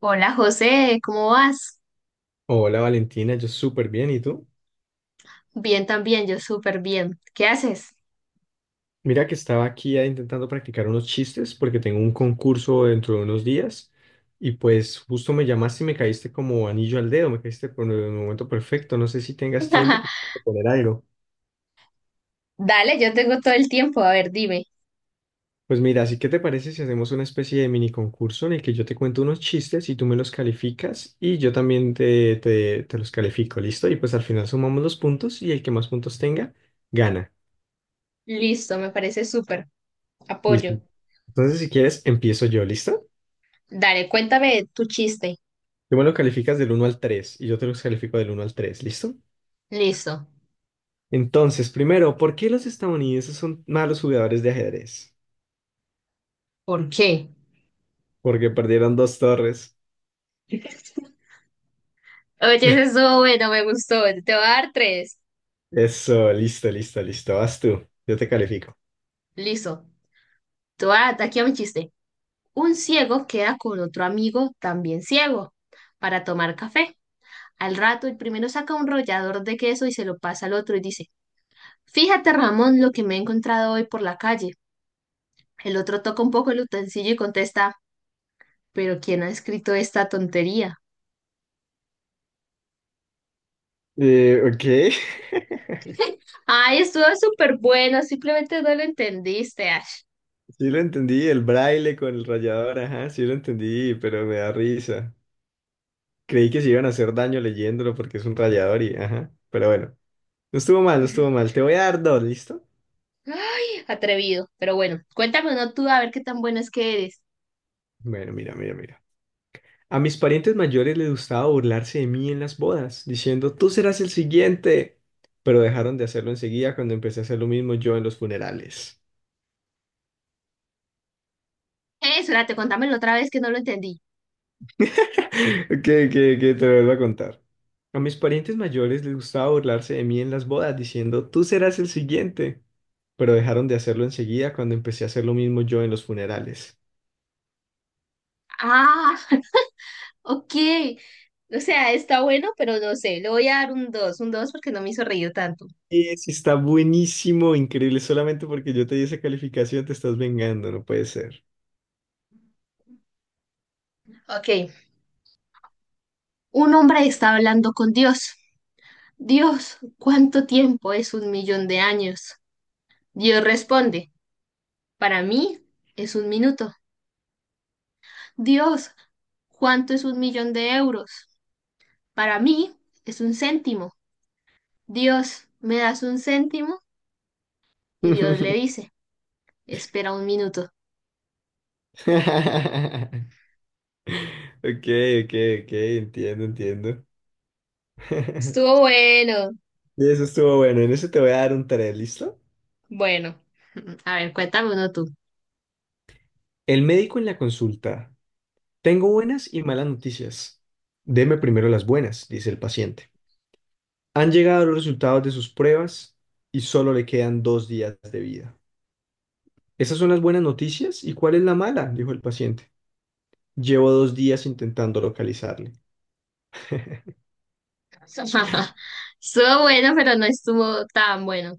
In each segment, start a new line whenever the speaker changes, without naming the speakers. Hola José, ¿cómo vas?
Hola Valentina, yo súper bien, ¿y tú?
Bien también, yo súper bien. ¿Qué haces?
Mira que estaba aquí intentando practicar unos chistes porque tengo un concurso dentro de unos días y pues justo me llamaste y me caíste como anillo al dedo, me caíste por el momento perfecto, no sé si tengas tiempo de poner algo.
Dale, yo tengo todo el tiempo. A ver, dime.
Pues mira, así que te parece si hacemos una especie de mini concurso en el que yo te cuento unos chistes y tú me los calificas y yo también te los califico, ¿listo? Y pues al final sumamos los puntos y el que más puntos tenga, gana.
Listo, me parece súper.
Listo.
Apoyo.
Entonces si quieres, empiezo yo, ¿listo?
Dale, cuéntame tu chiste.
Tú me lo calificas del uno al tres y yo te lo califico del uno al 3, ¿listo?
Listo.
Entonces, primero, ¿por qué los estadounidenses son malos jugadores de ajedrez?
¿Por qué?
Porque perdieron dos torres.
Oye, ese estuvo bueno, me gustó. Te voy a dar tres.
Eso, listo, listo, listo. Vas tú, yo te califico.
Listo. Te voy a dar aquí a mi chiste. Un ciego queda con otro amigo también ciego para tomar café. Al rato, el primero saca un rollador de queso y se lo pasa al otro y dice, fíjate, Ramón, lo que me he encontrado hoy por la calle. El otro toca un poco el utensilio y contesta, ¿pero quién ha escrito esta tontería?
Ok,
Ay, estuvo súper bueno, simplemente no lo entendiste, Ash.
sí lo entendí, el braille con el rayador, ajá, sí lo entendí, pero me da risa. Creí que se iban a hacer daño leyéndolo porque es un rayador y, ajá, pero bueno, no estuvo mal, no estuvo mal. Te voy a dar dos, ¿listo?
Ay, atrevido. Pero bueno, cuéntame uno tú a ver qué tan bueno es que eres.
Bueno, mira, mira, mira. A mis parientes mayores les gustaba burlarse de mí en las bodas, diciendo, tú serás el siguiente. Pero dejaron de hacerlo enseguida cuando empecé a hacer lo mismo yo en los funerales.
Espérate, contámelo otra vez que no lo entendí.
Que te lo vuelvo a contar. A mis parientes mayores les gustaba burlarse de mí en las bodas, diciendo, tú serás el siguiente. Pero dejaron de hacerlo enseguida cuando empecé a hacer lo mismo yo en los funerales.
Ah, ok. O sea, está bueno, pero no sé. Le voy a dar un 2 porque no me hizo reír tanto.
Es, está buenísimo, increíble. Solamente porque yo te di esa calificación te estás vengando, no puede ser.
Ok. Un hombre está hablando con Dios. Dios, ¿cuánto tiempo es 1 millón de años? Dios responde, para mí es un minuto. Dios, ¿cuánto es 1 millón de euros? Para mí es un céntimo. Dios, ¿me das un céntimo? Y Dios le dice, espera un minuto.
Ok, ok, ok, entiendo, entiendo.
Estuvo bueno.
Y eso estuvo bueno. En eso te voy a dar un tarea, ¿listo?
Bueno, a ver, cuéntame uno tú.
El médico en la consulta. Tengo buenas y malas noticias. Deme primero las buenas, dice el paciente. Han llegado los resultados de sus pruebas y solo le quedan 2 días de vida. Esas son las buenas noticias. ¿Y cuál es la mala? Dijo el paciente. Llevo 2 días intentando localizarle.
Estuvo bueno, pero no estuvo tan bueno.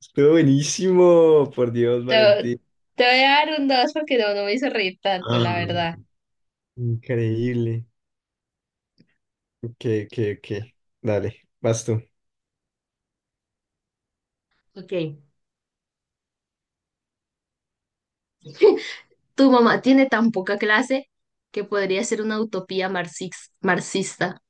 Estuvo buenísimo, por Dios,
Te,
Valentín.
te voy a dar un dos porque no, no me hizo reír tanto,
Ah,
la verdad.
increíble. Que. Dale, vas tú.
Ok. Tu mamá tiene tan poca clase que podría ser una utopía marxista.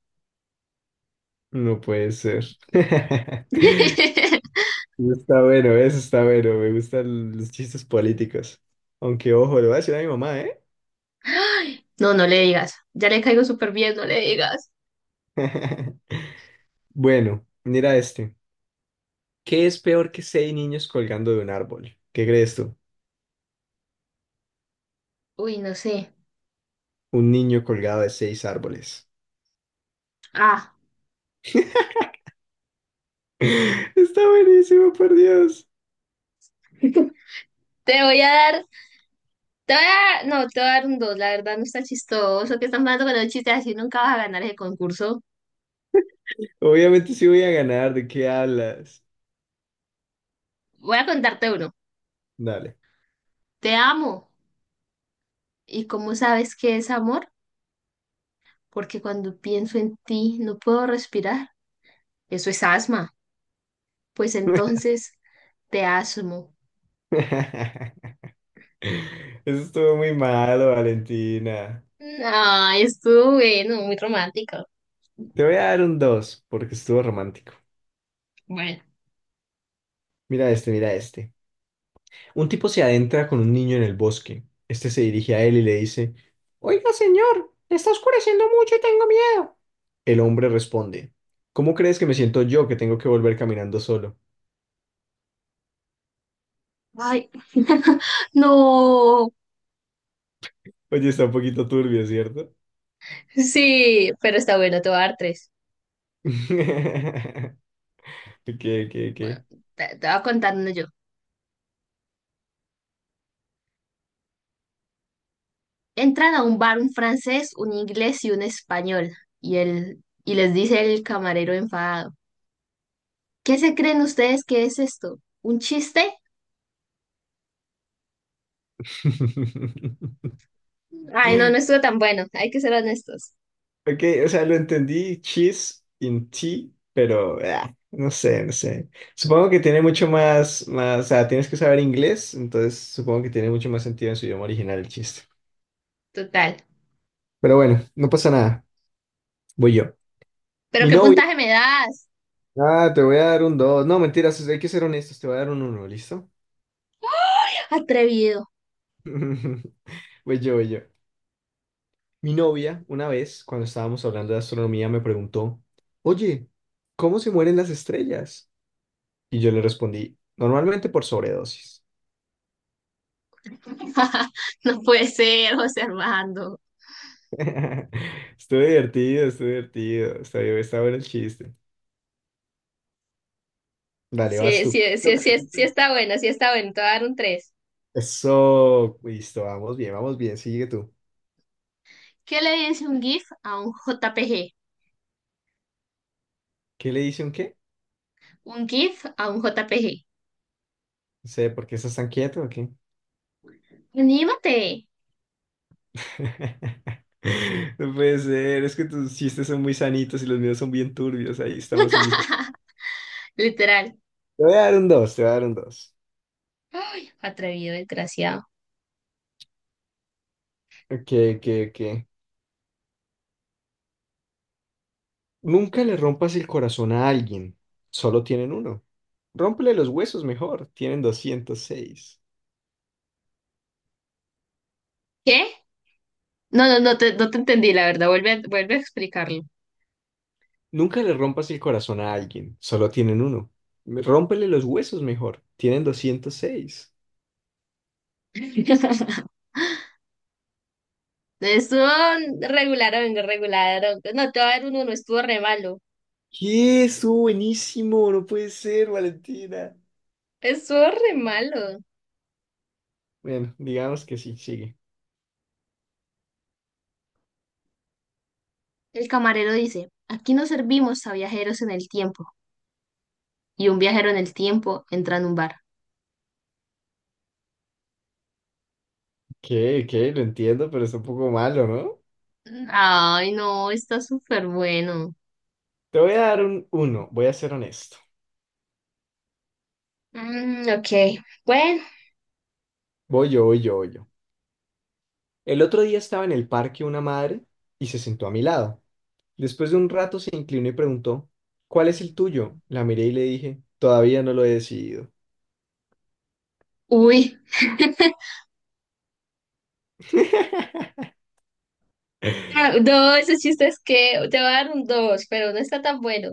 No puede ser. Eso está bueno, eso está bueno. Me gustan los chistes políticos. Aunque, ojo, le voy a decir a mi mamá, ¿eh?
No, no le digas. Ya le caigo súper bien, no le digas.
Bueno, mira este. ¿Qué es peor que seis niños colgando de un árbol? ¿Qué crees tú?
Uy, no sé.
Un niño colgado de seis árboles.
Ah,
Está buenísimo, por Dios.
te voy a dar, te voy a dar, no, te voy a dar un dos. La verdad no está chistoso que están jugando con los chistes así, nunca vas a ganar ese concurso.
Obviamente sí voy a ganar. ¿De qué hablas?
Voy a contarte uno.
Dale.
Te amo. ¿Y cómo sabes qué es amor? Porque cuando pienso en ti no puedo respirar. Eso es asma. Pues entonces te asmo.
Eso estuvo muy malo, Valentina.
Ay, estuvo bueno, muy romántico.
Te voy a dar un 2 porque estuvo romántico.
Bueno.
Mira este, mira este. Un tipo se adentra con un niño en el bosque. Este se dirige a él y le dice, oiga, señor, está oscureciendo mucho y tengo miedo. El hombre responde, ¿cómo crees que me siento yo que tengo que volver caminando solo?
Ay, no.
Oye, está un poquito turbio, ¿cierto?
Sí, pero está bueno, te voy a dar tres.
¿Qué, qué,
Bueno,
qué?
te voy a contar uno yo. Entran a un bar un francés, un inglés y un español. Y les dice el camarero enfadado. ¿Qué se creen ustedes que es esto? ¿Un chiste? Ay, no, no estuvo tan bueno. Hay que ser honestos.
Ok, o sea, lo entendí cheese in tea, pero ah, no sé, no sé. Supongo que tiene mucho más, o sea, tienes que saber inglés, entonces supongo que tiene mucho más sentido en su idioma original el chiste.
Total.
Pero bueno, no pasa nada, voy yo.
¿Pero
Mi
qué
novia,
puntaje me das?
ah, te voy a dar un 2. No, mentiras, hay que ser honestos, te voy a dar un uno. ¿Listo?
Atrevido.
Voy yo, voy yo. Mi novia, una vez, cuando estábamos hablando de astronomía, me preguntó, oye, ¿cómo se mueren las estrellas? Y yo le respondí, normalmente por sobredosis.
No puede ser, José Armando.
Estuvo divertido, estuvo divertido. Está, está bueno el chiste. Dale, vas
Sí,
tú.
sí,
Lo
sí,
que le
sí, sí está bueno, te voy a dar un 3.
eso, listo, vamos bien, sigue tú.
¿Qué le dice un GIF a un JPG?
¿Qué le dice un qué?
Un GIF a un JPG.
No sé, ¿por qué estás tan quieto o qué?
¡Anímate!
No puede ser, es que tus chistes son muy sanitos y los míos son bien turbios, ahí estamos en diferencia.
Literal.
Te voy a dar un dos, te voy a dar un dos.
Ay, atrevido, desgraciado.
Ok, ok, ok. Nunca le rompas el corazón a alguien, solo tienen uno. Rómpele los huesos mejor, tienen 206.
¿Qué? No, no no te entendí, la verdad. Vuelve a explicarlo.
Nunca le rompas el corazón a alguien, solo tienen uno. Rómpele los huesos mejor, tienen 206.
Estuvo regularón, regularón. No, te voy a dar un uno, estuvo re malo.
¡Qué! Estuvo buenísimo, no puede ser, Valentina.
Estuvo re malo.
Bueno, digamos que sí, sigue.
El camarero dice, aquí no servimos a viajeros en el tiempo. Y un viajero en el tiempo entra en un bar.
¿Qué? ¿Qué? Lo entiendo, pero es un poco malo, ¿no?
Ay, no, está súper bueno.
Te voy a dar un uno, voy a ser honesto.
Mm, ok, bueno.
Voy yo, voy yo, voy yo. El otro día estaba en el parque una madre y se sentó a mi lado. Después de un rato se inclinó y preguntó, ¿cuál es el tuyo? La miré y le dije, todavía no lo he decidido.
Uy. No, ese chiste es que te va a dar un dos, pero no está tan bueno.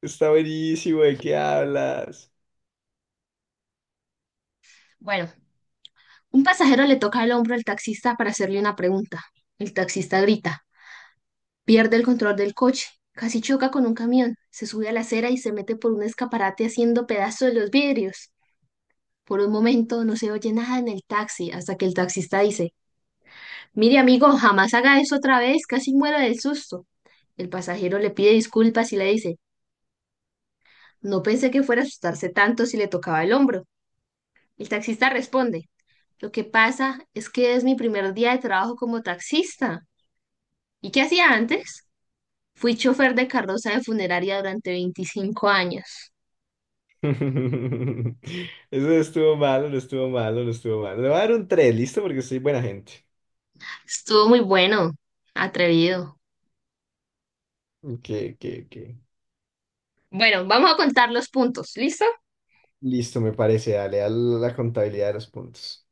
Está buenísimo, ¿de qué hablas?
Bueno, un pasajero le toca el hombro al taxista para hacerle una pregunta. El taxista grita, pierde el control del coche, casi choca con un camión, se sube a la acera y se mete por un escaparate haciendo pedazos de los vidrios. Por un momento no se oye nada en el taxi hasta que el taxista dice, mire amigo, jamás haga eso otra vez, casi muero del susto. El pasajero le pide disculpas y le dice, no pensé que fuera a asustarse tanto si le tocaba el hombro. El taxista responde, lo que pasa es que es mi primer día de trabajo como taxista. ¿Y qué hacía antes? Fui chofer de carroza de funeraria durante 25 años.
Eso no estuvo malo, no estuvo malo, no estuvo malo. Le voy a dar un 3, listo, porque soy buena gente.
Estuvo muy bueno, atrevido.
Que, que.
Bueno, vamos a contar los puntos, ¿listo?
Listo, me parece, dale, a la contabilidad de los puntos.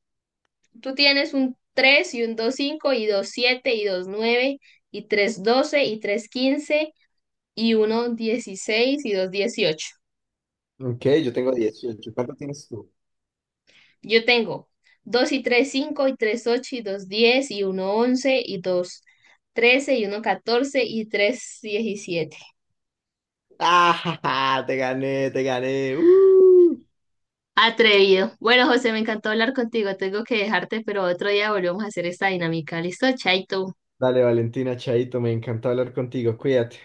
Tú tienes un 3 y un dos cinco y dos siete y dos nueve y tres 12 y tres 15 y uno 16 y dos 18.
Ok, yo tengo 18. ¿Cuánto tienes tú?
Yo tengo 2 y 3, 5 y 3 8 y 2 10 y uno 11 y 2 13 y uno 14 y 3 17.
¡Ah! ja, ja! Te gané, te gané. ¡Uh!
Atrevido. Bueno, José, me encantó hablar contigo. Tengo que dejarte, pero otro día volvemos a hacer esta dinámica. ¿Listo? Chaito.
Dale, Valentina, Chaito, me encantó hablar contigo. Cuídate.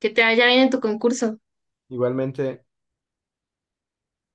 Que te vaya bien en tu concurso.
Igualmente.